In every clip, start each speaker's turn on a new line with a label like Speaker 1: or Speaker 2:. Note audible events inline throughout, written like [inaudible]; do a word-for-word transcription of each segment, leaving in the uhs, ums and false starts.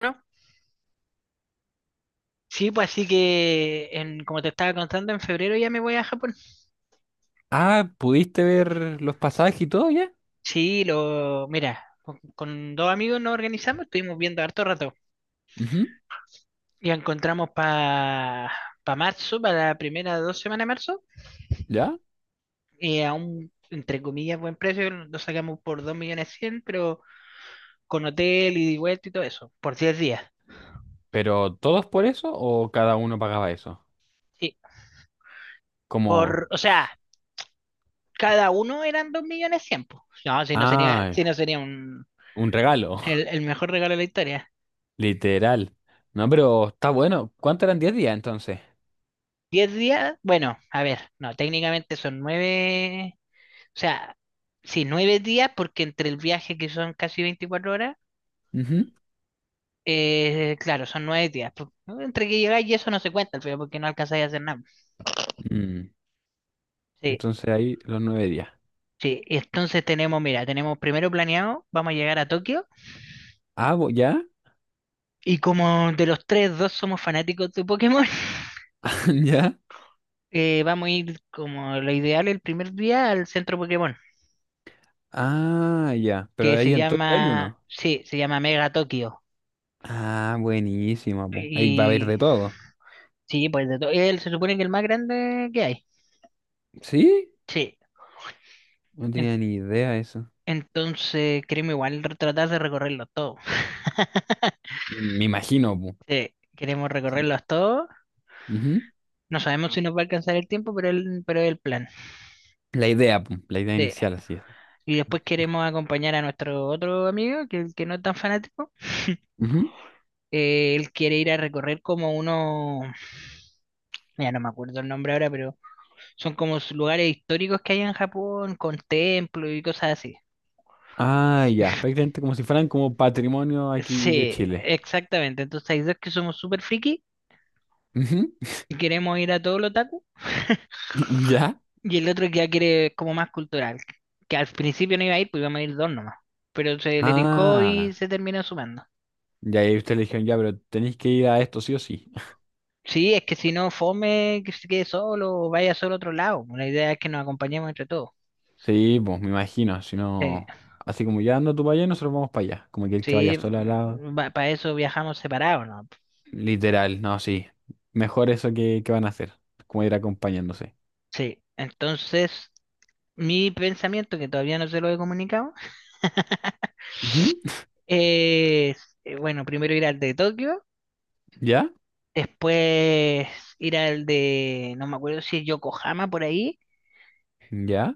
Speaker 1: ¿No? Sí, pues así que, en, como te estaba contando, en febrero ya me voy a Japón.
Speaker 2: Ah, ¿pudiste ver los pasajes y todo ya?
Speaker 1: Sí, lo, mira, con, con dos amigos nos organizamos, estuvimos viendo harto rato
Speaker 2: Ujú.
Speaker 1: y encontramos para pa pa marzo, para la primera dos semanas de marzo,
Speaker 2: ¿Ya?
Speaker 1: eh, a un, entre comillas, buen precio, lo sacamos por dos millones cien pero con hotel, ida y vuelta y todo eso, por diez días.
Speaker 2: ¿Pero todos por eso o cada uno pagaba eso?
Speaker 1: Sí,
Speaker 2: Como.
Speaker 1: por, o sea, cada uno eran dos millones cien mil, pues. No, si no sería, si
Speaker 2: Ah,
Speaker 1: no sería un,
Speaker 2: un regalo,
Speaker 1: el,
Speaker 2: [laughs]
Speaker 1: el mejor regalo de la historia.
Speaker 2: literal. No, pero está bueno. ¿Cuántos eran diez días entonces?
Speaker 1: Diez días, bueno, a ver, no, técnicamente son nueve, o sea, sí, nueve días, porque entre el viaje, que son casi veinticuatro horas,
Speaker 2: Ujú.
Speaker 1: eh, claro, son nueve días. pu- Entre que llegáis y eso no se cuenta al final porque no alcanzáis a hacer nada.
Speaker 2: Mm,
Speaker 1: Sí,
Speaker 2: entonces ahí los nueve días.
Speaker 1: sí, y entonces tenemos, mira, tenemos primero planeado, vamos a llegar a Tokio,
Speaker 2: Ah, bo- ¿ya?
Speaker 1: y como de los tres, dos somos fanáticos de Pokémon. [laughs]
Speaker 2: [laughs] ¿Ya?
Speaker 1: Eh, vamos a ir, como lo ideal, el primer día al centro Pokémon,
Speaker 2: Ah, ya. Pero
Speaker 1: que se
Speaker 2: ahí en Tokio hay
Speaker 1: llama,
Speaker 2: uno.
Speaker 1: sí, se llama Mega Tokio.
Speaker 2: Ah, buenísimo, pu. Ahí va a haber
Speaker 1: Y
Speaker 2: de todo.
Speaker 1: Sí, pues de todo. Él, se supone que el más grande que hay.
Speaker 2: ¿Sí?
Speaker 1: Sí.
Speaker 2: No
Speaker 1: En-
Speaker 2: tenía ni idea eso.
Speaker 1: Entonces queremos igual tratar de recorrerlos todos.
Speaker 2: Me imagino, pu.
Speaker 1: Sí, queremos recorrerlos todos.
Speaker 2: Ujú.
Speaker 1: No sabemos si nos va a alcanzar el tiempo, pero el, pero es el plan.
Speaker 2: La idea, pum, la idea
Speaker 1: Sí.
Speaker 2: inicial, así es.
Speaker 1: Y después queremos acompañar a nuestro otro amigo, que, que no es tan fanático.
Speaker 2: Ujú.
Speaker 1: Eh, él quiere ir a recorrer como uno, ya no me acuerdo el nombre ahora, pero son como s- lugares históricos que hay en Japón, con templos y cosas así.
Speaker 2: Ah, ya, prácticamente como si fueran como patrimonio aquí de
Speaker 1: Sí,
Speaker 2: Chile.
Speaker 1: exactamente. Entonces hay dos que somos súper friki
Speaker 2: Ujú.
Speaker 1: y queremos ir a todo lo otaku. [laughs]
Speaker 2: [laughs] ¿Ya?
Speaker 1: Y el otro, que ya quiere como más cultural, que al principio no iba a ir, pues íbamos a ir dos nomás, pero se le tincó y
Speaker 2: Ah,
Speaker 1: se terminó sumando.
Speaker 2: ya ahí ustedes le dijeron, ya, pero tenéis que ir a esto sí o sí.
Speaker 1: Sí, es que si no, fome, que se quede solo o vaya solo a otro lado; la idea es que nos acompañemos entre todos.
Speaker 2: Sí, pues me imagino, si
Speaker 1: Sí,
Speaker 2: no, así como ya anda tú para allá, nosotros vamos para allá, como que el que vaya
Speaker 1: sí,
Speaker 2: solo al lado.
Speaker 1: para eso viajamos separados, ¿no?
Speaker 2: Literal, no, sí. Mejor eso que, que van a hacer, como ir acompañándose.
Speaker 1: Sí, entonces mi pensamiento, que todavía no se lo he comunicado,
Speaker 2: Ujú.
Speaker 1: es, eh, bueno, primero ir al de Tokio.
Speaker 2: ¿Ya?
Speaker 1: Después ir al de, no me acuerdo si es Yokohama, por ahí,
Speaker 2: ¿Ya?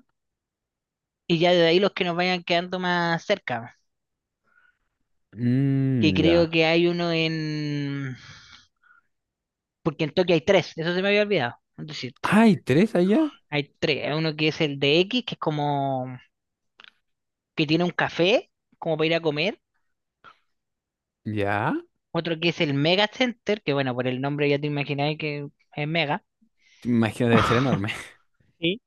Speaker 1: y ya de ahí los que nos vayan quedando más cerca, que
Speaker 2: Mm,
Speaker 1: creo
Speaker 2: ya.
Speaker 1: que hay uno en, porque en Tokio hay tres, eso se me había olvidado, es decir,
Speaker 2: ¡Ay, tres allá!
Speaker 1: hay tres. Hay uno que es el de X, que es como, que tiene un café, como para ir a comer;
Speaker 2: ¿Ya?
Speaker 1: otro que es el Mega Center, que bueno, por el nombre ya te imagináis que es Mega.
Speaker 2: Imagino, debe ser enorme.
Speaker 1: Sí.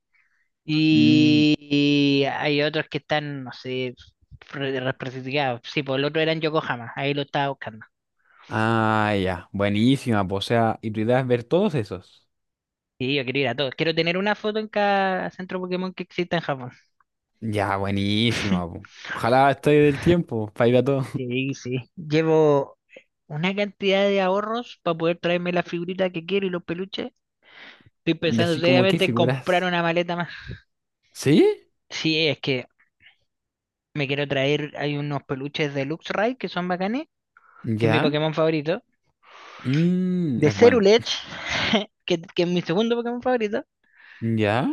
Speaker 2: Mm,
Speaker 1: Y hay otros que están, no sé, re- representados, sí, por el otro era en Yokohama, ahí lo estaba buscando.
Speaker 2: ah, ya, buenísima, po. O sea, ¿y tu idea es ver todos esos?
Speaker 1: Sí, yo quiero ir a todos. Quiero tener una foto en cada centro Pokémon que exista en Japón.
Speaker 2: Ya, buenísima,
Speaker 1: [laughs]
Speaker 2: po. Ojalá esté del tiempo para ir a todos. [laughs]
Speaker 1: Sí, sí. Llevo una cantidad de ahorros para poder traerme la figurita que quiero y los peluches. Estoy
Speaker 2: Y
Speaker 1: pensando
Speaker 2: así como, ¿qué
Speaker 1: seriamente en comprar
Speaker 2: figuras?
Speaker 1: una maleta más.
Speaker 2: ¿Sí?
Speaker 1: Sí, es que me quiero traer, hay unos peluches de Luxray que son bacanes, que es mi
Speaker 2: ¿Ya?
Speaker 1: Pokémon favorito.
Speaker 2: Mm,
Speaker 1: De
Speaker 2: es bueno.
Speaker 1: Cerulege, [laughs] que, que es mi segundo Pokémon favorito.
Speaker 2: ¿Ya?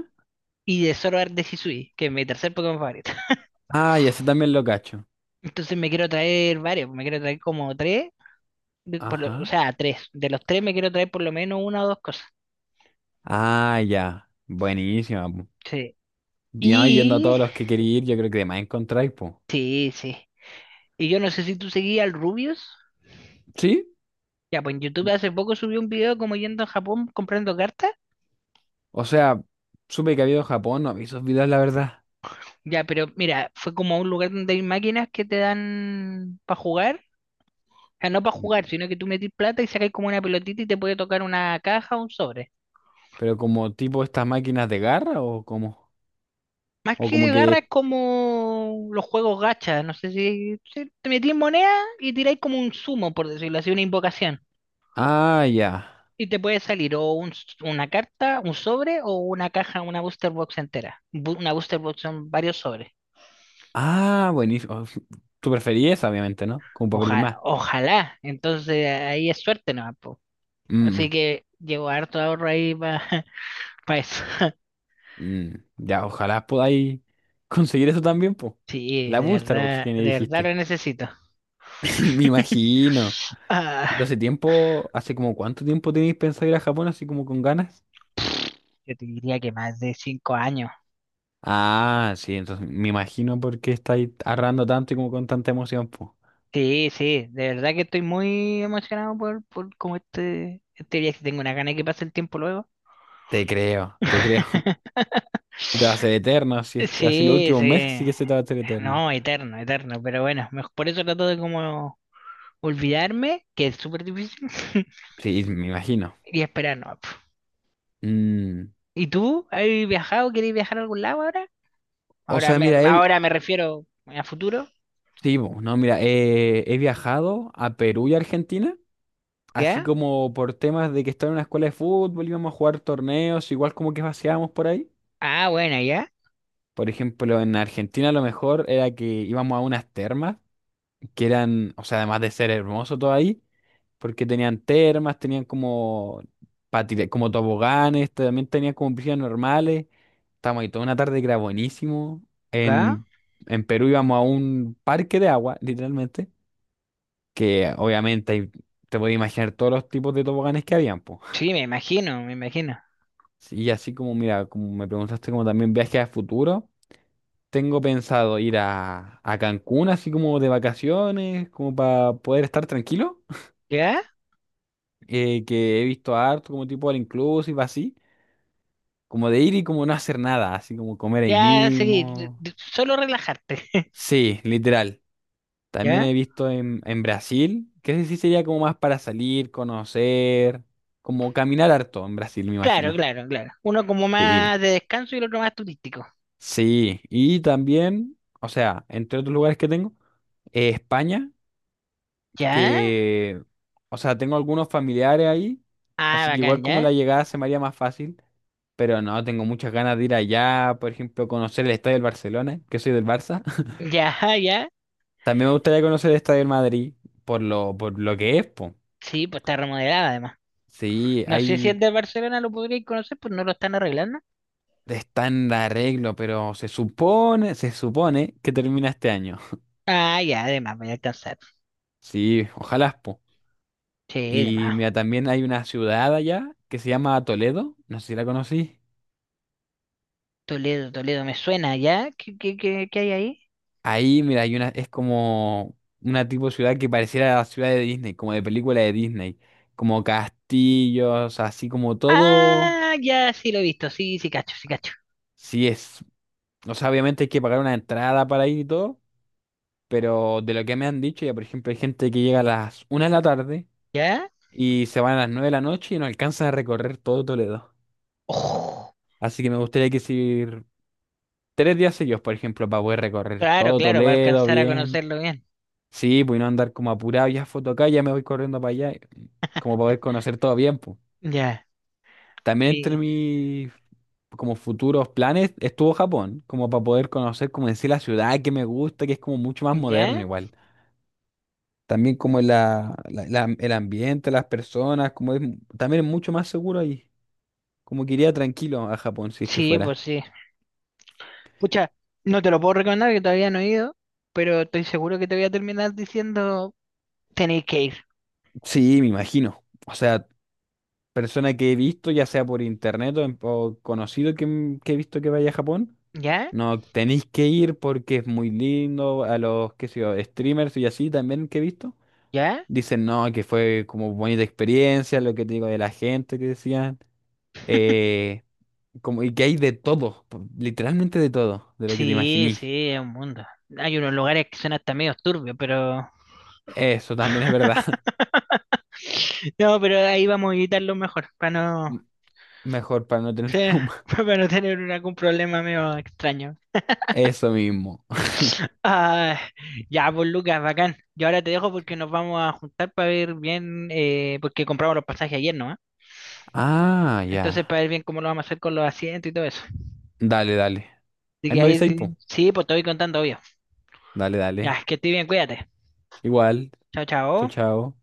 Speaker 1: Y de Zoroark de Hisui, que es mi tercer Pokémon favorito. [laughs]
Speaker 2: Ah, ya, ese también lo cacho.
Speaker 1: Entonces me quiero traer varios, me quiero traer como tres de- por lo- o
Speaker 2: Ajá.
Speaker 1: sea, tres. De los tres me quiero traer por lo menos una o dos cosas.
Speaker 2: Ah, ya, buenísima, po.
Speaker 1: Sí.
Speaker 2: Y no, yendo a
Speaker 1: Y...
Speaker 2: todos los que quería ir, yo creo que de más encontráis, po.
Speaker 1: Sí, sí. Y yo no sé si tú seguías al Rubius.
Speaker 2: ¿Sí?
Speaker 1: Ya, pues en YouTube hace poco subió un video como yendo a Japón comprando cartas.
Speaker 2: O sea, supe que había ido Japón, no vi esos videos, la verdad.
Speaker 1: Ya, pero mira, fue como a un lugar donde hay máquinas que te dan para jugar. O sea, no para jugar,
Speaker 2: Mm.
Speaker 1: sino que tú metís plata y sacas como una pelotita y te puede tocar una caja o un sobre.
Speaker 2: Pero como tipo estas máquinas de garra o como.
Speaker 1: Más
Speaker 2: O
Speaker 1: que
Speaker 2: como
Speaker 1: de garra,
Speaker 2: que.
Speaker 1: es como los juegos gacha. No sé si, si te metís moneda y tiráis como un sumo, por decirlo así, una invocación.
Speaker 2: Ah, ya.
Speaker 1: Y te puede salir o un s- una carta, un sobre o una caja, una booster box entera. Bu- Una booster box son varios sobres.
Speaker 2: Ah, buenísimo. Oh, tú preferís esa, obviamente, ¿no? Como para abrir
Speaker 1: Oja-
Speaker 2: más.
Speaker 1: ojalá. Entonces ahí es suerte, ¿no? Po. Así
Speaker 2: Mm.
Speaker 1: que llevo harto ahorro ahí para [laughs] eso. [laughs]
Speaker 2: Mm. Mm. Ya, ojalá podáis [laughs] conseguir eso también, po.
Speaker 1: Sí,
Speaker 2: La
Speaker 1: de
Speaker 2: Booster Box
Speaker 1: verdad,
Speaker 2: que me
Speaker 1: de verdad
Speaker 2: dijiste.
Speaker 1: lo necesito.
Speaker 2: [laughs] Me imagino.
Speaker 1: [laughs] Ah,
Speaker 2: Entonces, tiempo, ¿hace como cuánto tiempo tenéis pensado ir a Japón así como con ganas?
Speaker 1: yo te diría que más de cinco años.
Speaker 2: Ah, sí, entonces me imagino por qué estáis arrando tanto y como con tanta emoción, po.
Speaker 1: Sí, sí, de verdad que estoy muy emocionado por, por como este, este viaje. Tengo una gana de que pase el tiempo luego.
Speaker 2: Te creo, te creo. [laughs]
Speaker 1: [laughs]
Speaker 2: Se te va a hacer eterno, así, es- así los
Speaker 1: Sí,
Speaker 2: últimos meses sí
Speaker 1: sí.
Speaker 2: que se te va a hacer eterno.
Speaker 1: No, eterno, eterno. Pero bueno, mej- por eso trato de como olvidarme, que es súper difícil, [laughs]
Speaker 2: Sí, me imagino.
Speaker 1: y esperar, no. pf.
Speaker 2: Mm.
Speaker 1: ¿Y tú? ¿Has viajado? ¿Quieres viajar a algún lado ahora?
Speaker 2: O
Speaker 1: Ahora
Speaker 2: sea,
Speaker 1: me,
Speaker 2: mira, he,
Speaker 1: ahora me refiero a futuro.
Speaker 2: sí, bo, no, mira, eh, he viajado a Perú y Argentina, así
Speaker 1: ¿Ya?
Speaker 2: como por temas de que estaba en una escuela de fútbol, íbamos a jugar torneos, igual como que paseábamos por ahí.
Speaker 1: Ah, bueno, ya.
Speaker 2: Por ejemplo, en Argentina lo mejor era que íbamos a unas termas, que eran, o sea, además de ser hermoso todo ahí, porque tenían termas, tenían como, patine- como toboganes, también tenían como piscinas normales. Estábamos ahí toda una tarde que era buenísimo.
Speaker 1: ¿Ya?
Speaker 2: En, en Perú íbamos a un parque de agua, literalmente que obviamente hay- te puedes imaginar todos los tipos de toboganes que habían, pues.
Speaker 1: Sí, me imagino, me imagino.
Speaker 2: Y así como, mira, como me preguntaste como también viajes a futuro, tengo pensado ir a, a Cancún así como de vacaciones, como para poder estar tranquilo,
Speaker 1: ¿Ya?
Speaker 2: eh, que he visto harto como tipo all inclusive así, como de ir y como no hacer nada, así como comer ahí
Speaker 1: Ya, seguí. d-
Speaker 2: mismo.
Speaker 1: d- Solo relajarte. [laughs]
Speaker 2: Sí, literal. También he
Speaker 1: ¿Ya?
Speaker 2: visto en, en Brasil, que ese sí sería como más para salir, conocer, como caminar harto en Brasil, me
Speaker 1: Claro,
Speaker 2: imagino.
Speaker 1: claro, claro. Uno como más
Speaker 2: Sí.
Speaker 1: de descanso y el otro más turístico.
Speaker 2: Sí, y también, o sea, entre otros lugares que tengo, eh, España,
Speaker 1: ¿Ya?
Speaker 2: que, o sea, tengo algunos familiares ahí,
Speaker 1: Ah,
Speaker 2: así que
Speaker 1: bacán,
Speaker 2: igual como
Speaker 1: ¿ya?
Speaker 2: la llegada se me haría más fácil, pero no, tengo muchas ganas de ir allá, por ejemplo, conocer el Estadio del Barcelona, que soy del Barça. [laughs]
Speaker 1: Ya, [laughs] ya.
Speaker 2: También me gustaría conocer el Estadio del Madrid, por lo, por lo que es, po.
Speaker 1: Sí, pues está remodelada además.
Speaker 2: Sí,
Speaker 1: No sé si
Speaker 2: ahí
Speaker 1: el de Barcelona lo podríais conocer, pues no lo están arreglando.
Speaker 2: está en arreglo, pero se supone, se supone que termina este año. [laughs]
Speaker 1: Ah, ya, además, voy a alcanzar.
Speaker 2: Sí, ojalá, po.
Speaker 1: Sí,
Speaker 2: Y
Speaker 1: además.
Speaker 2: mira, también hay una ciudad allá que se llama Toledo, no sé si la conocí.
Speaker 1: Toledo, Toledo, me suena, ¿ya? ¿Qué, qué, qué, qué hay ahí?
Speaker 2: Ahí, mira, hay una, es como una tipo de ciudad que pareciera la ciudad de Disney, como de película de Disney, como castillos, así como todo.
Speaker 1: Ah, ya, sí lo he visto, sí, sí cacho, sí cacho.
Speaker 2: Sí es, o sea, obviamente hay que pagar una entrada para ir y todo, pero de lo que me han dicho, ya por ejemplo, hay gente que llega a las una de la tarde
Speaker 1: ¿Ya?
Speaker 2: y se van a las nueve de la noche y no alcanzan a recorrer todo Toledo.
Speaker 1: Oh,
Speaker 2: Así que me gustaría que si tres días seguidos, por ejemplo, para poder recorrer
Speaker 1: claro,
Speaker 2: todo
Speaker 1: claro, para
Speaker 2: Toledo
Speaker 1: alcanzar a
Speaker 2: bien.
Speaker 1: conocerlo bien.
Speaker 2: Sí, pues y no andar como apurado, ya foto acá, ya me voy corriendo para allá, como para poder conocer todo bien, pues.
Speaker 1: Ya,
Speaker 2: También
Speaker 1: mi-
Speaker 2: entre mis como futuros planes estuvo Japón, como para poder conocer, como decir, la ciudad que me gusta, que es como mucho más moderno
Speaker 1: ¿ya?
Speaker 2: igual. También como la, la- la- el ambiente, las personas, como es, también es mucho más seguro ahí. Como que iría tranquilo a Japón si es que
Speaker 1: Sí, pues
Speaker 2: fuera.
Speaker 1: sí. Pucha, no te lo puedo recomendar, que todavía no he ido, pero estoy seguro que te voy a terminar diciendo: tenéis que ir.
Speaker 2: Sí, me imagino. O sea, persona que he visto, ya sea por internet o, en- o conocido que, m- que he visto que vaya a Japón,
Speaker 1: ¿Ya?
Speaker 2: no tenéis que ir porque es muy lindo. A los, qué sé yo, streamers y así también que he visto,
Speaker 1: ¿Ya?
Speaker 2: dicen no, que fue como bonita experiencia, lo que te digo de la gente que decían. Eh, como, y que hay de todo, po- literalmente de todo, de lo que te
Speaker 1: Sí,
Speaker 2: imaginí.
Speaker 1: sí, es un mundo. Hay unos lugares que son hasta medio turbios, pero...
Speaker 2: Eso también es verdad. [laughs]
Speaker 1: No, pero ahí vamos a evitarlo mejor, para no...
Speaker 2: M- Mejor para no tener
Speaker 1: Sí, [laughs]
Speaker 2: trauma.
Speaker 1: para no tener un- algún problema medio extraño.
Speaker 2: [laughs] Eso mismo.
Speaker 1: Ah, ya, pues Lucas, bacán. Yo ahora te dejo porque nos vamos a juntar para ver bien, eh, porque compramos los pasajes ayer, ¿no?
Speaker 2: Ah, ya.
Speaker 1: Entonces, para ver bien cómo lo vamos a hacer con los asientos y todo eso.
Speaker 2: Dale, dale.
Speaker 1: Así
Speaker 2: Ahí
Speaker 1: que
Speaker 2: me
Speaker 1: ahí
Speaker 2: avisáis,
Speaker 1: sí,
Speaker 2: po.
Speaker 1: sí, pues te voy contando, obvio.
Speaker 2: Dale, dale.
Speaker 1: Ya, que estés bien, cuídate.
Speaker 2: Igual.
Speaker 1: Chao,
Speaker 2: Chao,
Speaker 1: chao.
Speaker 2: chao.